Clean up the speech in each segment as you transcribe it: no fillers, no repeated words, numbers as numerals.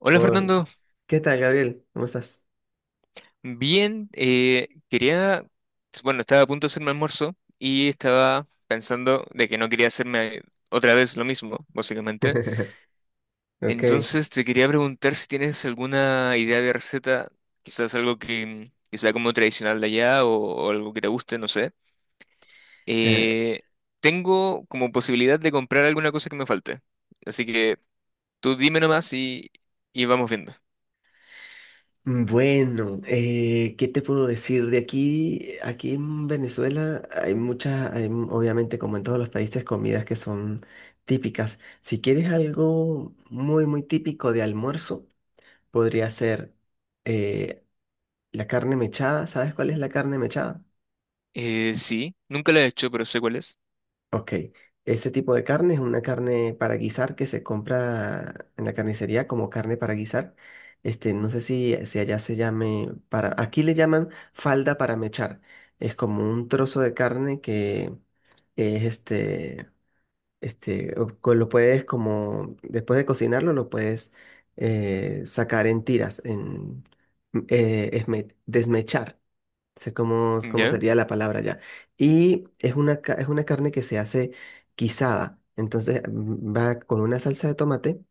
Hola Hola. Fernando, ¿Qué tal, Gabriel? ¿Cómo estás? bien, quería, bueno, estaba a punto de hacerme almuerzo y estaba pensando de que no quería hacerme otra vez lo mismo, básicamente. Ok. Entonces te quería preguntar si tienes alguna idea de receta, quizás algo que sea como tradicional de allá o algo que te guste, no sé. Eh, tengo como posibilidad de comprar alguna cosa que me falte, así que tú dime nomás y vamos viendo. Bueno, ¿qué te puedo decir? Aquí en Venezuela hay muchas, obviamente como en todos los países, comidas que son típicas. Si quieres algo muy, muy típico de almuerzo, podría ser eh, la carne mechada. ¿Sabes cuál es la carne mechada? Sí, nunca la he hecho, pero sé cuál es. Ok, ese tipo de carne es una carne para guisar que se compra en la carnicería como carne para guisar. Este, no sé si allá se llame para, aquí le llaman falda para mechar. Es como un trozo de carne que es este, lo puedes como, después de cocinarlo, lo puedes sacar en tiras, en desmechar sé cómo ¿Ya? sería la palabra ya. Y es una carne que se hace guisada. Entonces va con una salsa de tomate.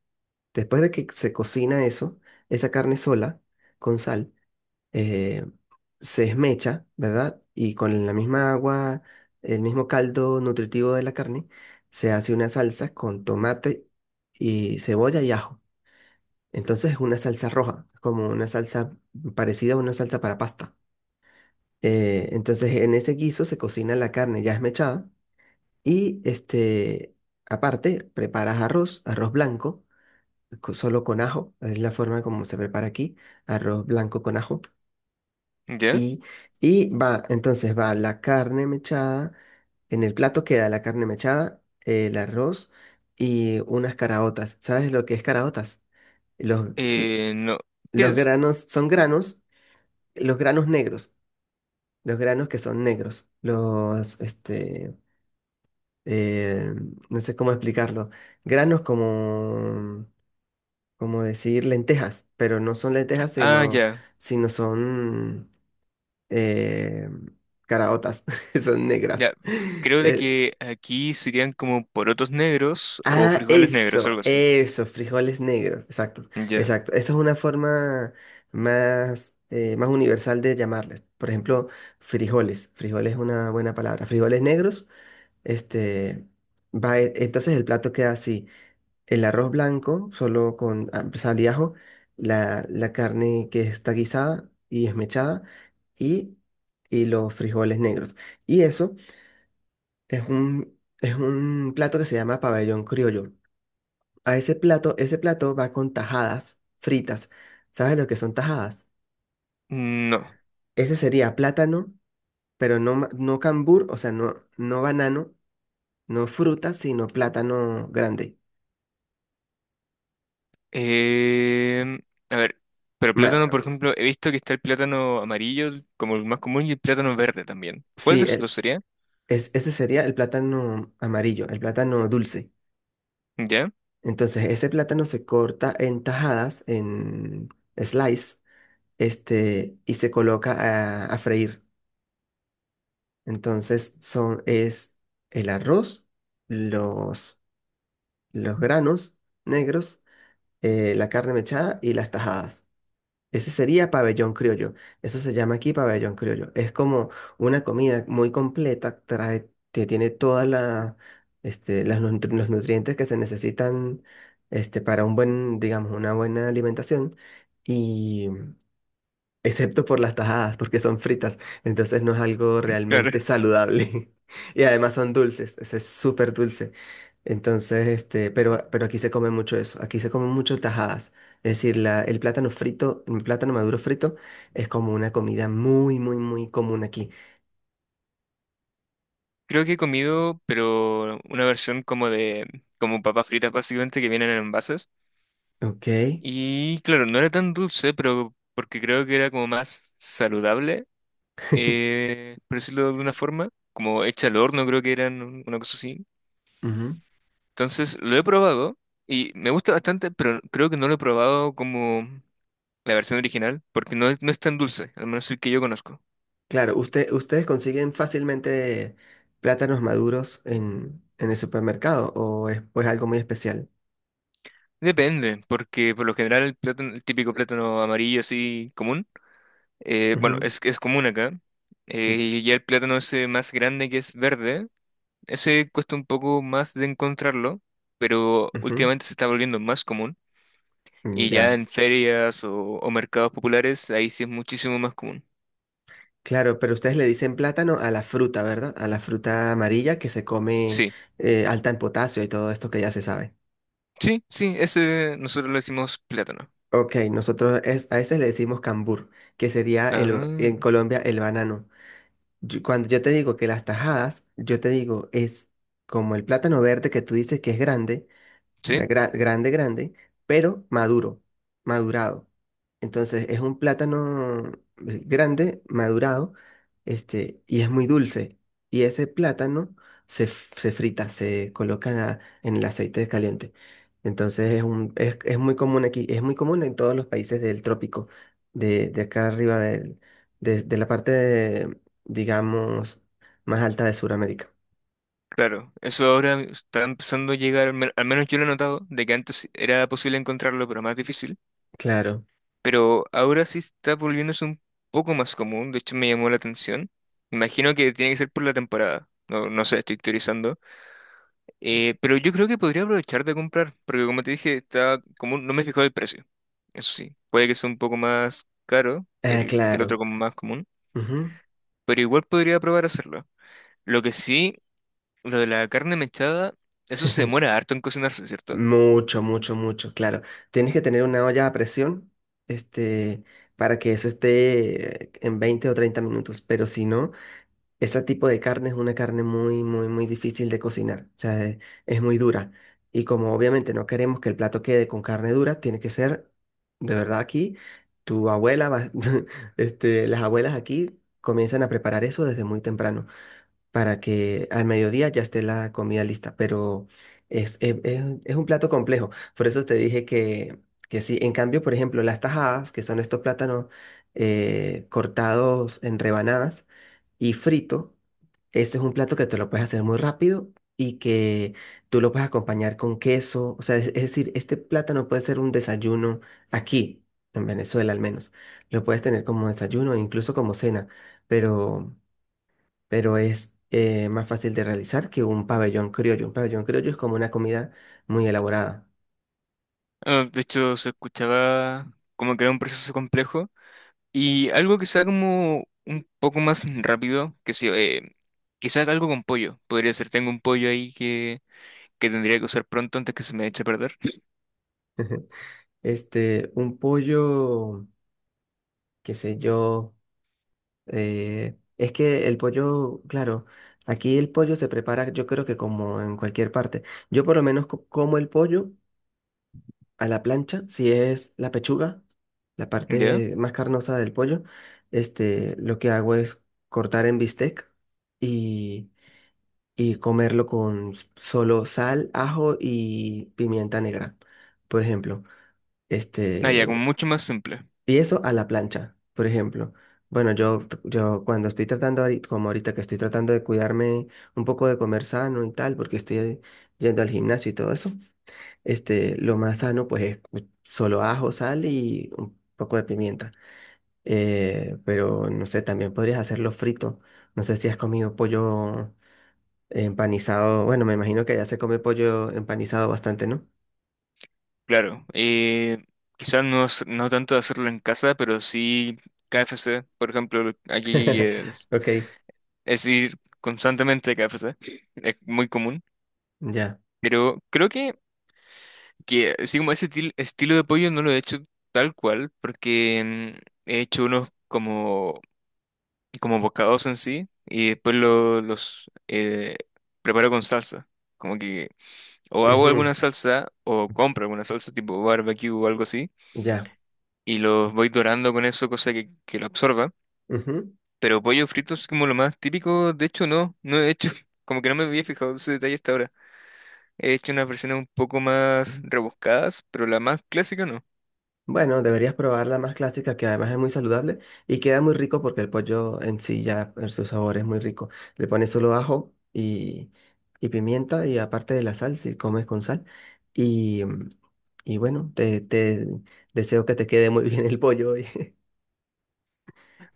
Después de que se cocina eso, esa carne sola, con sal, eh, se esmecha, ¿verdad? Y con la misma agua, el mismo caldo nutritivo de la carne, se hace una salsa con tomate y cebolla y ajo. Entonces es una salsa roja, como una salsa parecida a una salsa para pasta. Entonces, en ese guiso se cocina la carne ya esmechada y este, aparte, preparas arroz, arroz blanco, solo con ajo, es la forma como se prepara aquí, arroz blanco con ajo. ¿Ya? Y, y entonces va la carne mechada, en el plato queda la carne mechada, el arroz y unas caraotas. ¿Sabes lo que es caraotas? Los, No. ¿Qué los es? granos son granos, los granos negros, los granos que son negros, este eh, no sé cómo explicarlo, granos como decir lentejas, pero no son lentejas, Ah, sino, ya. sino son eh, caraotas, son negras. Ya. Creo de Eh, que aquí serían como porotos negros o ah, frijoles negros, eso, algo así. eso, frijoles negros, exacto, Ya. exacto. Esa es una forma más universal de llamarles. Por ejemplo, frijoles, frijoles es una buena palabra, frijoles negros, este... Entonces el plato queda así. El arroz blanco, solo con sal y ajo, la carne que está guisada y esmechada y, y los frijoles negros. Y eso es un plato que se llama pabellón criollo. Ese plato va con tajadas fritas. ¿Sabes lo que son tajadas? No. Ese sería plátano, pero no, no cambur, o sea, no, no banano, no fruta, sino plátano grande. Em, a ver. Pero Ma- plátano, por ejemplo, he visto que está el plátano amarillo el- como el más común y el plátano verde también. ¿Cuál de sí, esos dos sería? Ese sería el plátano amarillo, el plátano dulce. Ya. Entonces, ese plátano se corta en tajadas, en slice, este, y se coloca a freír. Entonces, es el arroz, los, los granos negros, la carne mechada y las tajadas. Ese sería pabellón criollo. Eso se llama aquí pabellón criollo. Es como una comida muy completa, que tiene todas este, los nutrientes que se necesitan este, para digamos, una buena alimentación. Excepto por las tajadas, porque son fritas, entonces no es algo realmente Claro. saludable. Y además son dulces, ese es súper dulce. Entonces, este, pero aquí se come mucho eso, aquí se comen mucho tajadas. Es decir, el plátano frito, el plátano maduro frito es como una comida muy, muy, muy común aquí. Creo que he comido, pero una versión como de, como papas fritas básicamente que vienen en envases. Ok. Y claro, no era tan dulce, pero porque creo que era como más saludable. Por decirlo de alguna forma, como hecha al horno, creo que eran un- una cosa así. Ujú. Entonces lo he probado y me gusta bastante, pero creo que no lo he probado como la versión original, porque no es, no es tan dulce, al menos el que yo conozco. Claro, ustedes consiguen fácilmente plátanos maduros en el supermercado o es pues algo muy especial. Depende, porque por lo general el plátano, el típico plátano amarillo así común, bueno, Ujú, es común acá, u- y ya el plátano ese más grande que es verde, ese cuesta un poco más de encontrarlo, pero ujú, últimamente se está volviendo más común. mm, Y ya ya. en ferias o mercados populares, ahí sí es muchísimo más común. Claro, pero ustedes le dicen plátano a la fruta, ¿verdad? A la fruta amarilla que se come Sí, alta en potasio y todo esto que ya se sabe. sí, sí, ese nosotros le decimos plátano. Ok, nosotros a ese le decimos cambur, que sería Ah, en Colombia el banano. Cuando yo te digo que las tajadas, yo te digo es como el plátano verde que tú dices que es grande, o sí, sea, grande, grande, pero maduro, madurado. Entonces es un plátano grande, madurado, este, y es muy dulce. Y ese plátano se frita, se coloca en en el aceite caliente. Entonces es muy común aquí, es muy común en todos los países del trópico, de acá arriba de la parte, digamos, más alta de Sudamérica. claro. Eso ahora está empezando a llegar, al men- al menos yo lo he notado, de que antes era posible encontrarlo, pero más difícil. Claro, Pero ahora sí está volviéndose un poco más común, de hecho me llamó la atención. Imagino que tiene que ser por la temporada. No, no sé, estoy teorizando. Pero yo creo que podría aprovechar de comprar, porque como te dije, está como un- no me he fijado el precio. Eso sí, puede que sea un poco más caro que el otro claro. como más común, pero igual podría probar hacerlo. Lo que sí, lo de la carne mechada, eso se demora harto en cocinarse, ¿cierto? Mucho, mucho, mucho, claro. Tienes que tener una olla a presión, este, para que eso esté en 20 o 30 minutos, pero si no, ese tipo de carne es una carne muy, muy, muy difícil de cocinar, o sea, es muy dura. Y como obviamente no queremos que el plato quede con carne dura, tiene que ser, de verdad aquí, tu abuela, este, las abuelas aquí comienzan a preparar eso desde muy temprano para que al mediodía ya esté la comida lista, pero es un plato complejo. Por eso te dije que sí. En cambio, por ejemplo, las tajadas, que son estos plátanos cortados en rebanadas y frito, este es un plato que te lo puedes hacer muy rápido y que tú lo puedes acompañar con queso. O sea, es decir, este plátano puede ser un desayuno aquí, en Venezuela al menos. Lo puedes tener como desayuno, incluso como cena, pero es más fácil de realizar que un pabellón criollo. Un pabellón criollo es como una comida muy elaborada. Ah, de hecho, se escuchaba como que era un proceso complejo y algo que sea como un poco más rápido, que sí, quizás algo con pollo. Podría ser, tengo un pollo ahí que tendría que usar pronto antes que se me eche a perder. Este, un pollo, qué sé yo, es que el pollo, claro, aquí el pollo se prepara, yo creo que como en cualquier parte. Yo por lo menos como el pollo a la plancha, si es la pechuga, la ¿Ya? parte más carnosa del pollo, este, lo que hago es cortar en bistec y comerlo con solo sal, ajo y pimienta negra, por ejemplo. Ah, ya, como Este, mucho más simple, y eso a la plancha, por ejemplo. Bueno, yo cuando estoy tratando, como ahorita que estoy tratando de cuidarme un poco de comer sano y tal, porque estoy yendo al gimnasio y todo eso, este, lo más sano pues es solo ajo, sal y un poco de pimienta. Pero no sé, también podrías hacerlo frito. No sé si has comido pollo, empanizado, bueno, me imagino que ya se come pollo empanizado bastante, ¿no? claro. Quizás no, s- no tanto hacerlo en casa, pero sí KFC, por ejemplo, aquí Ok, es ir constantemente a KFC, es muy común. ya. Pero creo que así como ese til- estilo de pollo no lo he hecho tal cual, porque mm, he hecho unos como, como bocados en sí y después lo- los preparo con salsa. Como que o hago alguna Ujú, salsa o compro alguna salsa tipo barbecue o algo así ya. y los voy dorando con eso, cosa que lo absorba. Ujú. Pero pollo frito es como lo más típico, de hecho no, no he hecho, como que no me había fijado ese detalle hasta ahora. He hecho unas versiones un poco más rebuscadas, pero la más clásica no. Bueno, deberías probar la más clásica, que además es muy saludable y queda muy rico porque el pollo en sí ya, en su sabor es muy rico. Le pones solo ajo y pimienta y aparte de la sal, si comes con sal. Y, mm, y bueno, te deseo que te quede muy bien el pollo hoy.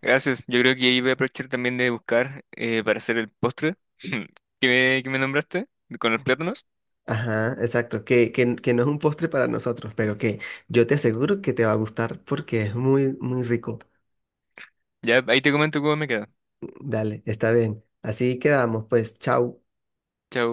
Gracias, yo creo que ahí voy a aprovechar también de buscar para hacer el postre que me nombraste, con los plátanos. Ajá, exacto, que no es un postre para nosotros, pero que yo te aseguro que te va a gustar porque es muy, muy rico. Ya, ahí te comento cómo me queda. Dale, está bien. Así quedamos, pues, chao. Chao.